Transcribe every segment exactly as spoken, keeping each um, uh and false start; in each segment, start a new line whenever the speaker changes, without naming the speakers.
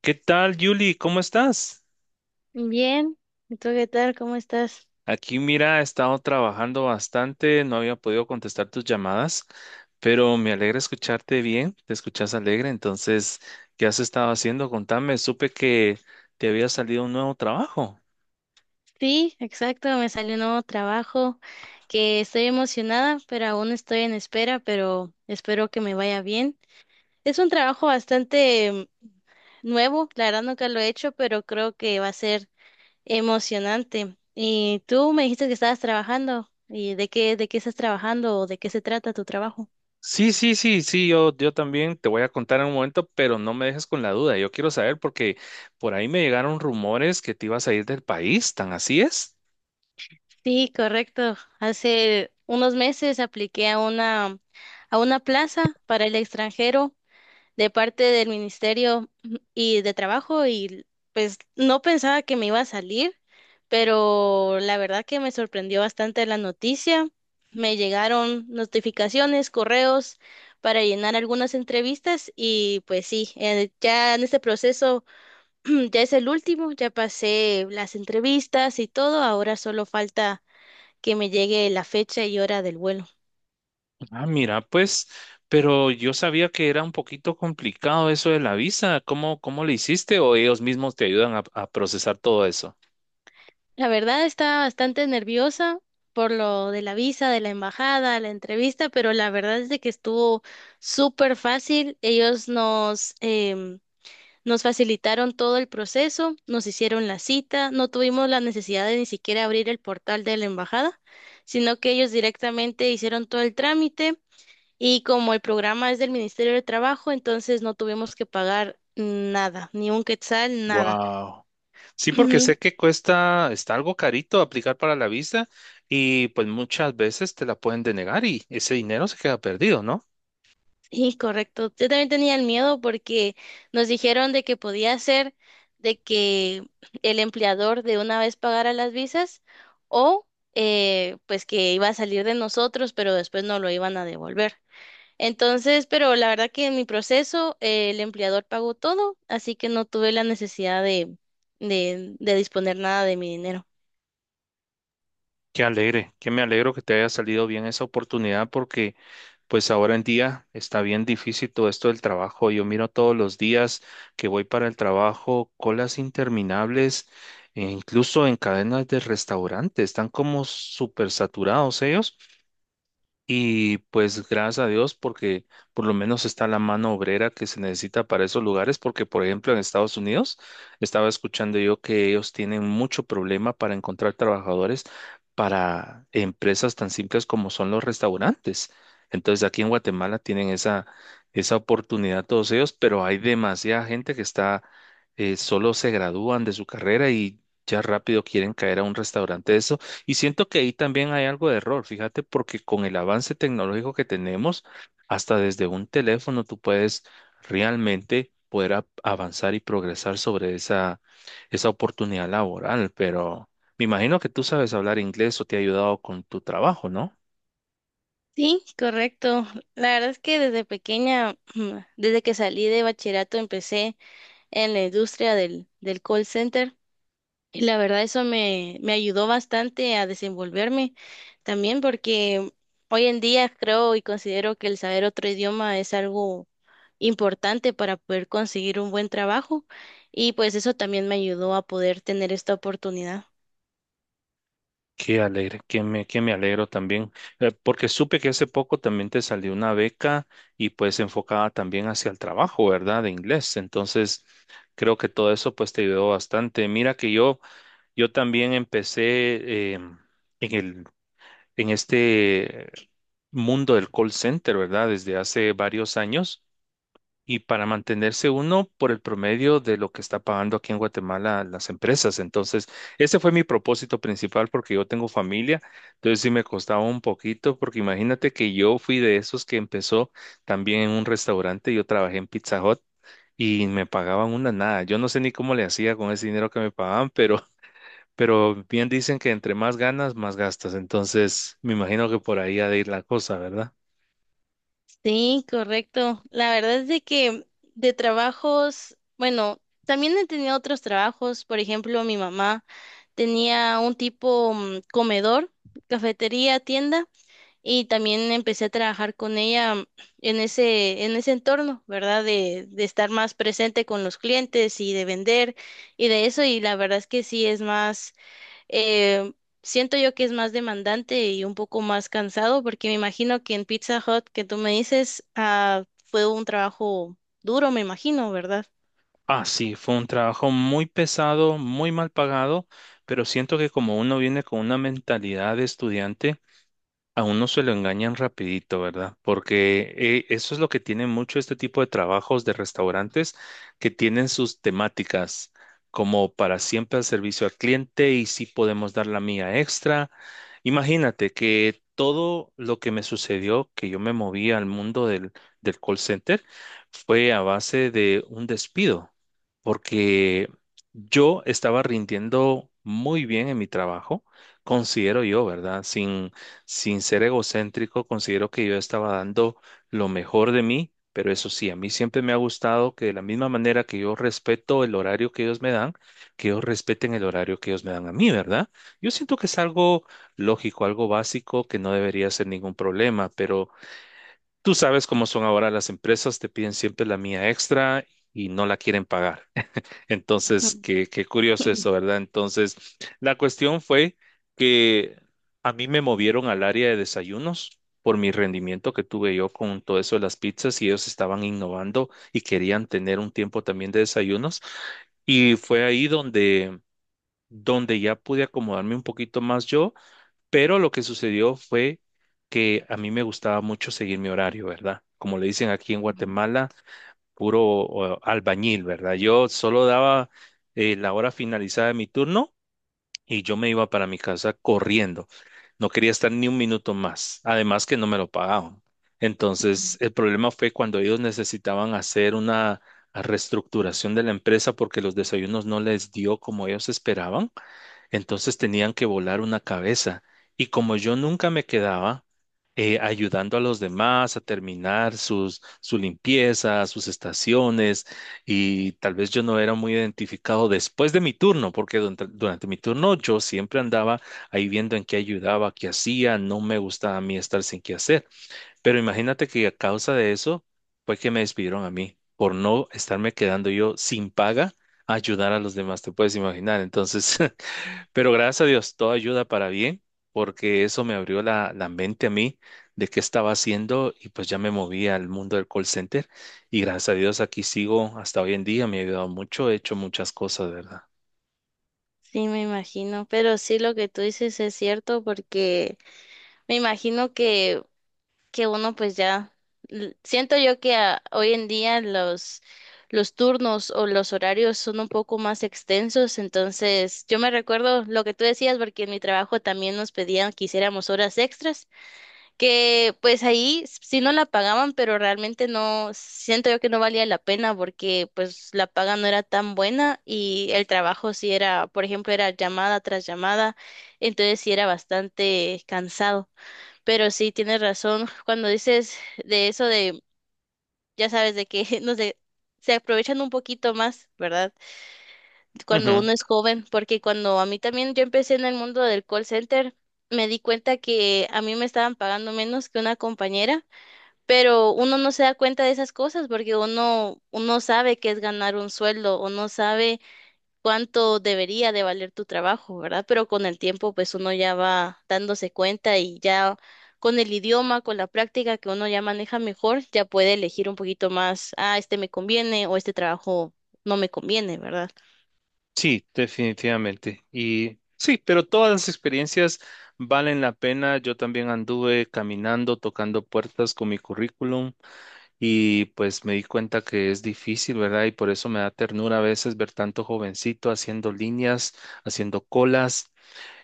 ¿Qué tal, Yuli? ¿Cómo estás?
Bien, ¿y tú qué tal? ¿Cómo estás?
Aquí, mira, he estado trabajando bastante, no había podido contestar tus llamadas, pero me alegra escucharte bien, te escuchas alegre. Entonces, ¿qué has estado haciendo? Contame, supe que te había salido un nuevo trabajo.
Sí, exacto, me salió un nuevo trabajo que estoy emocionada, pero aún estoy en espera, pero espero que me vaya bien. Es un trabajo bastante mm, nuevo, la verdad nunca lo he hecho, pero creo que va a ser emocionante. Y tú me dijiste que estabas trabajando, ¿y de qué, de qué estás trabajando o de qué se trata tu trabajo?
Sí, sí, sí, sí, yo, yo también te voy a contar en un momento, pero no me dejes con la duda, yo quiero saber porque por ahí me llegaron rumores que te ibas a ir del país. ¿Tan así es?
Sí, correcto. Hace unos meses apliqué a una, a una plaza para el extranjero de parte del Ministerio y de Trabajo y pues no pensaba que me iba a salir, pero la verdad que me sorprendió bastante la noticia. Me llegaron notificaciones, correos para llenar algunas entrevistas y pues sí, eh, ya en este proceso ya es el último, ya pasé las entrevistas y todo, ahora solo falta que me llegue la fecha y hora del vuelo.
Ah, mira, pues, pero yo sabía que era un poquito complicado eso de la visa. ¿Cómo, cómo le hiciste, o ellos mismos te ayudan a, a procesar todo eso?
La verdad estaba bastante nerviosa por lo de la visa, de la embajada, la entrevista, pero la verdad es de que estuvo súper fácil. Ellos nos, em, nos facilitaron todo el proceso, nos hicieron la cita, no tuvimos la necesidad de ni siquiera abrir el portal de la embajada, sino que ellos directamente hicieron todo el trámite y como el programa es del Ministerio de Trabajo, entonces no tuvimos que pagar nada, ni un quetzal, nada.
Wow. Sí, porque sé que cuesta, está algo carito aplicar para la visa, y pues muchas veces te la pueden denegar y ese dinero se queda perdido, ¿no?
Sí, correcto. Yo también tenía el miedo porque nos dijeron de que podía ser de que el empleador de una vez pagara las visas o eh, pues que iba a salir de nosotros, pero después no lo iban a devolver. Entonces, pero la verdad que en mi proceso eh, el empleador pagó todo, así que no tuve la necesidad de, de, de disponer nada de mi dinero.
Qué alegre, que me alegro que te haya salido bien esa oportunidad, porque pues ahora en día está bien difícil todo esto del trabajo. Yo miro todos los días que voy para el trabajo, colas interminables, e incluso en cadenas de restaurantes, están como súper saturados ellos. Y pues gracias a Dios, porque por lo menos está la mano obrera que se necesita para esos lugares, porque por ejemplo en Estados Unidos estaba escuchando yo que ellos tienen mucho problema para encontrar trabajadores para empresas tan simples como son los restaurantes. Entonces aquí en Guatemala tienen esa, esa oportunidad todos ellos, pero hay demasiada gente que está, eh, solo se gradúan de su carrera y ya rápido quieren caer a un restaurante. Eso, y siento que ahí también hay algo de error, fíjate, porque con el avance tecnológico que tenemos, hasta desde un teléfono tú puedes realmente poder a- avanzar y progresar sobre esa, esa oportunidad laboral. Pero me imagino que tú sabes hablar inglés, o te ha ayudado con tu trabajo, ¿no?
Sí, correcto. La verdad es que desde pequeña, desde que salí de bachillerato, empecé. En la industria del, del call center. Y la verdad eso me, me ayudó bastante a desenvolverme también porque hoy en día creo y considero que el saber otro idioma es algo importante para poder conseguir un buen trabajo y pues eso también me ayudó a poder tener esta oportunidad.
Qué alegre, que me, que me alegro también, eh, porque supe que hace poco también te salió una beca y pues enfocada también hacia el trabajo, ¿verdad? De inglés. Entonces, creo que todo eso pues te ayudó bastante. Mira que yo... Yo también empecé eh, en el, en este mundo del call center, ¿verdad? Desde hace varios años, y para mantenerse uno por el promedio de lo que está pagando aquí en Guatemala las empresas. Entonces, ese fue mi propósito principal, porque yo tengo familia, entonces sí me costaba un poquito, porque imagínate que yo fui de esos que empezó también en un restaurante. Yo trabajé en Pizza Hut. Y me pagaban una nada. Yo no sé ni cómo le hacía con ese dinero que me pagaban, pero pero bien dicen que entre más ganas, más gastas. Entonces, me imagino que por ahí ha de ir la cosa, ¿verdad?
Sí, correcto. La verdad es de que de trabajos, bueno, también he tenido otros trabajos. Por ejemplo, mi mamá tenía un tipo mm, comedor, cafetería, tienda, y también empecé a trabajar con ella mm, en ese, en ese entorno, ¿verdad? De, de estar más presente con los clientes y de vender y de eso. Y la verdad es que sí es más. Eh, Siento yo que es más demandante y un poco más cansado, porque me imagino que en Pizza Hut que tú me dices, ah, fue un trabajo duro, me imagino, ¿verdad?
Ah, sí, fue un trabajo muy pesado, muy mal pagado, pero siento que como uno viene con una mentalidad de estudiante, a uno se lo engañan rapidito, ¿verdad? Porque eh, eso es lo que tiene mucho este tipo de trabajos de restaurantes, que tienen sus temáticas como para siempre al servicio al cliente, y si podemos dar la mía extra. Imagínate que todo lo que me sucedió, que yo me moví al mundo del, del call center, fue a base de un despido, porque yo estaba rindiendo muy bien en mi trabajo, considero yo, ¿verdad? sin sin ser egocéntrico, considero que yo estaba dando lo mejor de mí, pero eso sí, a mí siempre me ha gustado que de la misma manera que yo respeto el horario que ellos me dan, que ellos respeten el horario que ellos me dan a mí, ¿verdad? Yo siento que es algo lógico, algo básico, que no debería ser ningún problema, pero tú sabes cómo son ahora las empresas, te piden siempre la mía extra y no la quieren pagar. Entonces, qué, qué curioso eso, ¿verdad? Entonces, la cuestión fue que a mí me movieron al área de desayunos por mi rendimiento que tuve yo con todo eso de las pizzas, y ellos estaban innovando y querían tener un tiempo también de desayunos. Y fue ahí donde, donde ya pude acomodarme un poquito más yo, pero lo que sucedió fue que a mí me gustaba mucho seguir mi horario, ¿verdad? Como le dicen aquí en Guatemala, puro o, albañil, ¿verdad? Yo solo daba eh, la hora finalizada de mi turno y yo me iba para mi casa corriendo. No quería estar ni un minuto más, además que no me lo pagaban. Entonces, el problema fue cuando ellos necesitaban hacer una reestructuración de la empresa, porque los desayunos no les dio como ellos esperaban. Entonces tenían que volar una cabeza. Y como yo nunca me quedaba eh, ayudando a los demás a terminar sus, su limpieza, sus estaciones, y tal vez yo no era muy identificado después de mi turno, porque durante, durante mi turno yo siempre andaba ahí viendo en qué ayudaba, qué hacía, no me gustaba a mí estar sin qué hacer. Pero imagínate que a causa de eso fue que me despidieron a mí, por no estarme quedando yo sin paga a ayudar a los demás, te puedes imaginar. Entonces, pero gracias a Dios, todo ayuda para bien, porque eso me abrió la, la mente a mí de qué estaba haciendo, y pues ya me moví al mundo del call center y gracias a Dios aquí sigo hasta hoy en día. Me ha ayudado mucho, he hecho muchas cosas, ¿verdad?
Sí, me imagino, pero sí lo que tú dices es cierto porque me imagino que que uno pues ya l- siento yo que ah, hoy en día los los turnos o los horarios son un poco más extensos, entonces yo me recuerdo lo que tú decías porque en mi trabajo también nos pedían que hiciéramos horas extras, que pues ahí s- sí no la pagaban, pero realmente no siento yo que no valía la pena porque pues la paga no era tan buena y el trabajo sí era, por ejemplo, era llamada tras llamada, entonces sí era bastante cansado. Pero sí, tienes razón. Cuando dices de eso de, ya sabes, de que, no sé, se aprovechan un poquito más, ¿verdad? Cuando
Ujú.
uno es joven, porque cuando a mí también yo empecé en el mundo del call center, me di cuenta que a mí me estaban pagando menos que una compañera, pero uno no se da cuenta de esas cosas porque uno, uno sabe que es ganar un sueldo, uno sabe cuánto debería de valer tu trabajo, ¿verdad? Pero con el tiempo, pues uno ya va dándose cuenta y ya con el idioma, con la práctica que uno ya maneja mejor, ya puede elegir un poquito más, ah, este me conviene o este trabajo no me conviene, ¿verdad?
Sí, definitivamente. Y sí, pero todas las experiencias valen la pena. Yo también anduve caminando, tocando puertas con mi currículum, y pues me di cuenta que es difícil, ¿verdad? Y por eso me da ternura a veces ver tanto jovencito haciendo líneas, haciendo colas,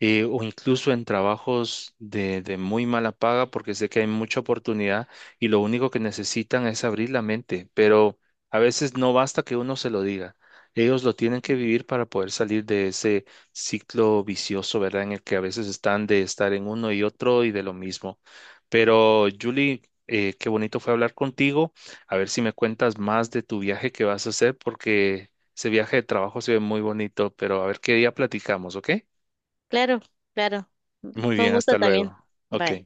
eh, o incluso en trabajos de, de muy mala paga, porque sé que hay mucha oportunidad y lo único que necesitan es abrir la mente, pero a veces no basta que uno se lo diga. Ellos lo tienen que vivir para poder salir de ese ciclo vicioso, ¿verdad? En el que a veces están de estar en uno y otro y de lo mismo. Pero, Julie, eh, qué bonito fue hablar contigo. A ver si me cuentas más de tu viaje que vas a hacer, porque ese viaje de trabajo se ve muy bonito, pero a ver qué día platicamos, ¿ok?
Claro, claro.
Muy
Con
bien,
gusto
hasta
también.
luego. Ok.
Bye.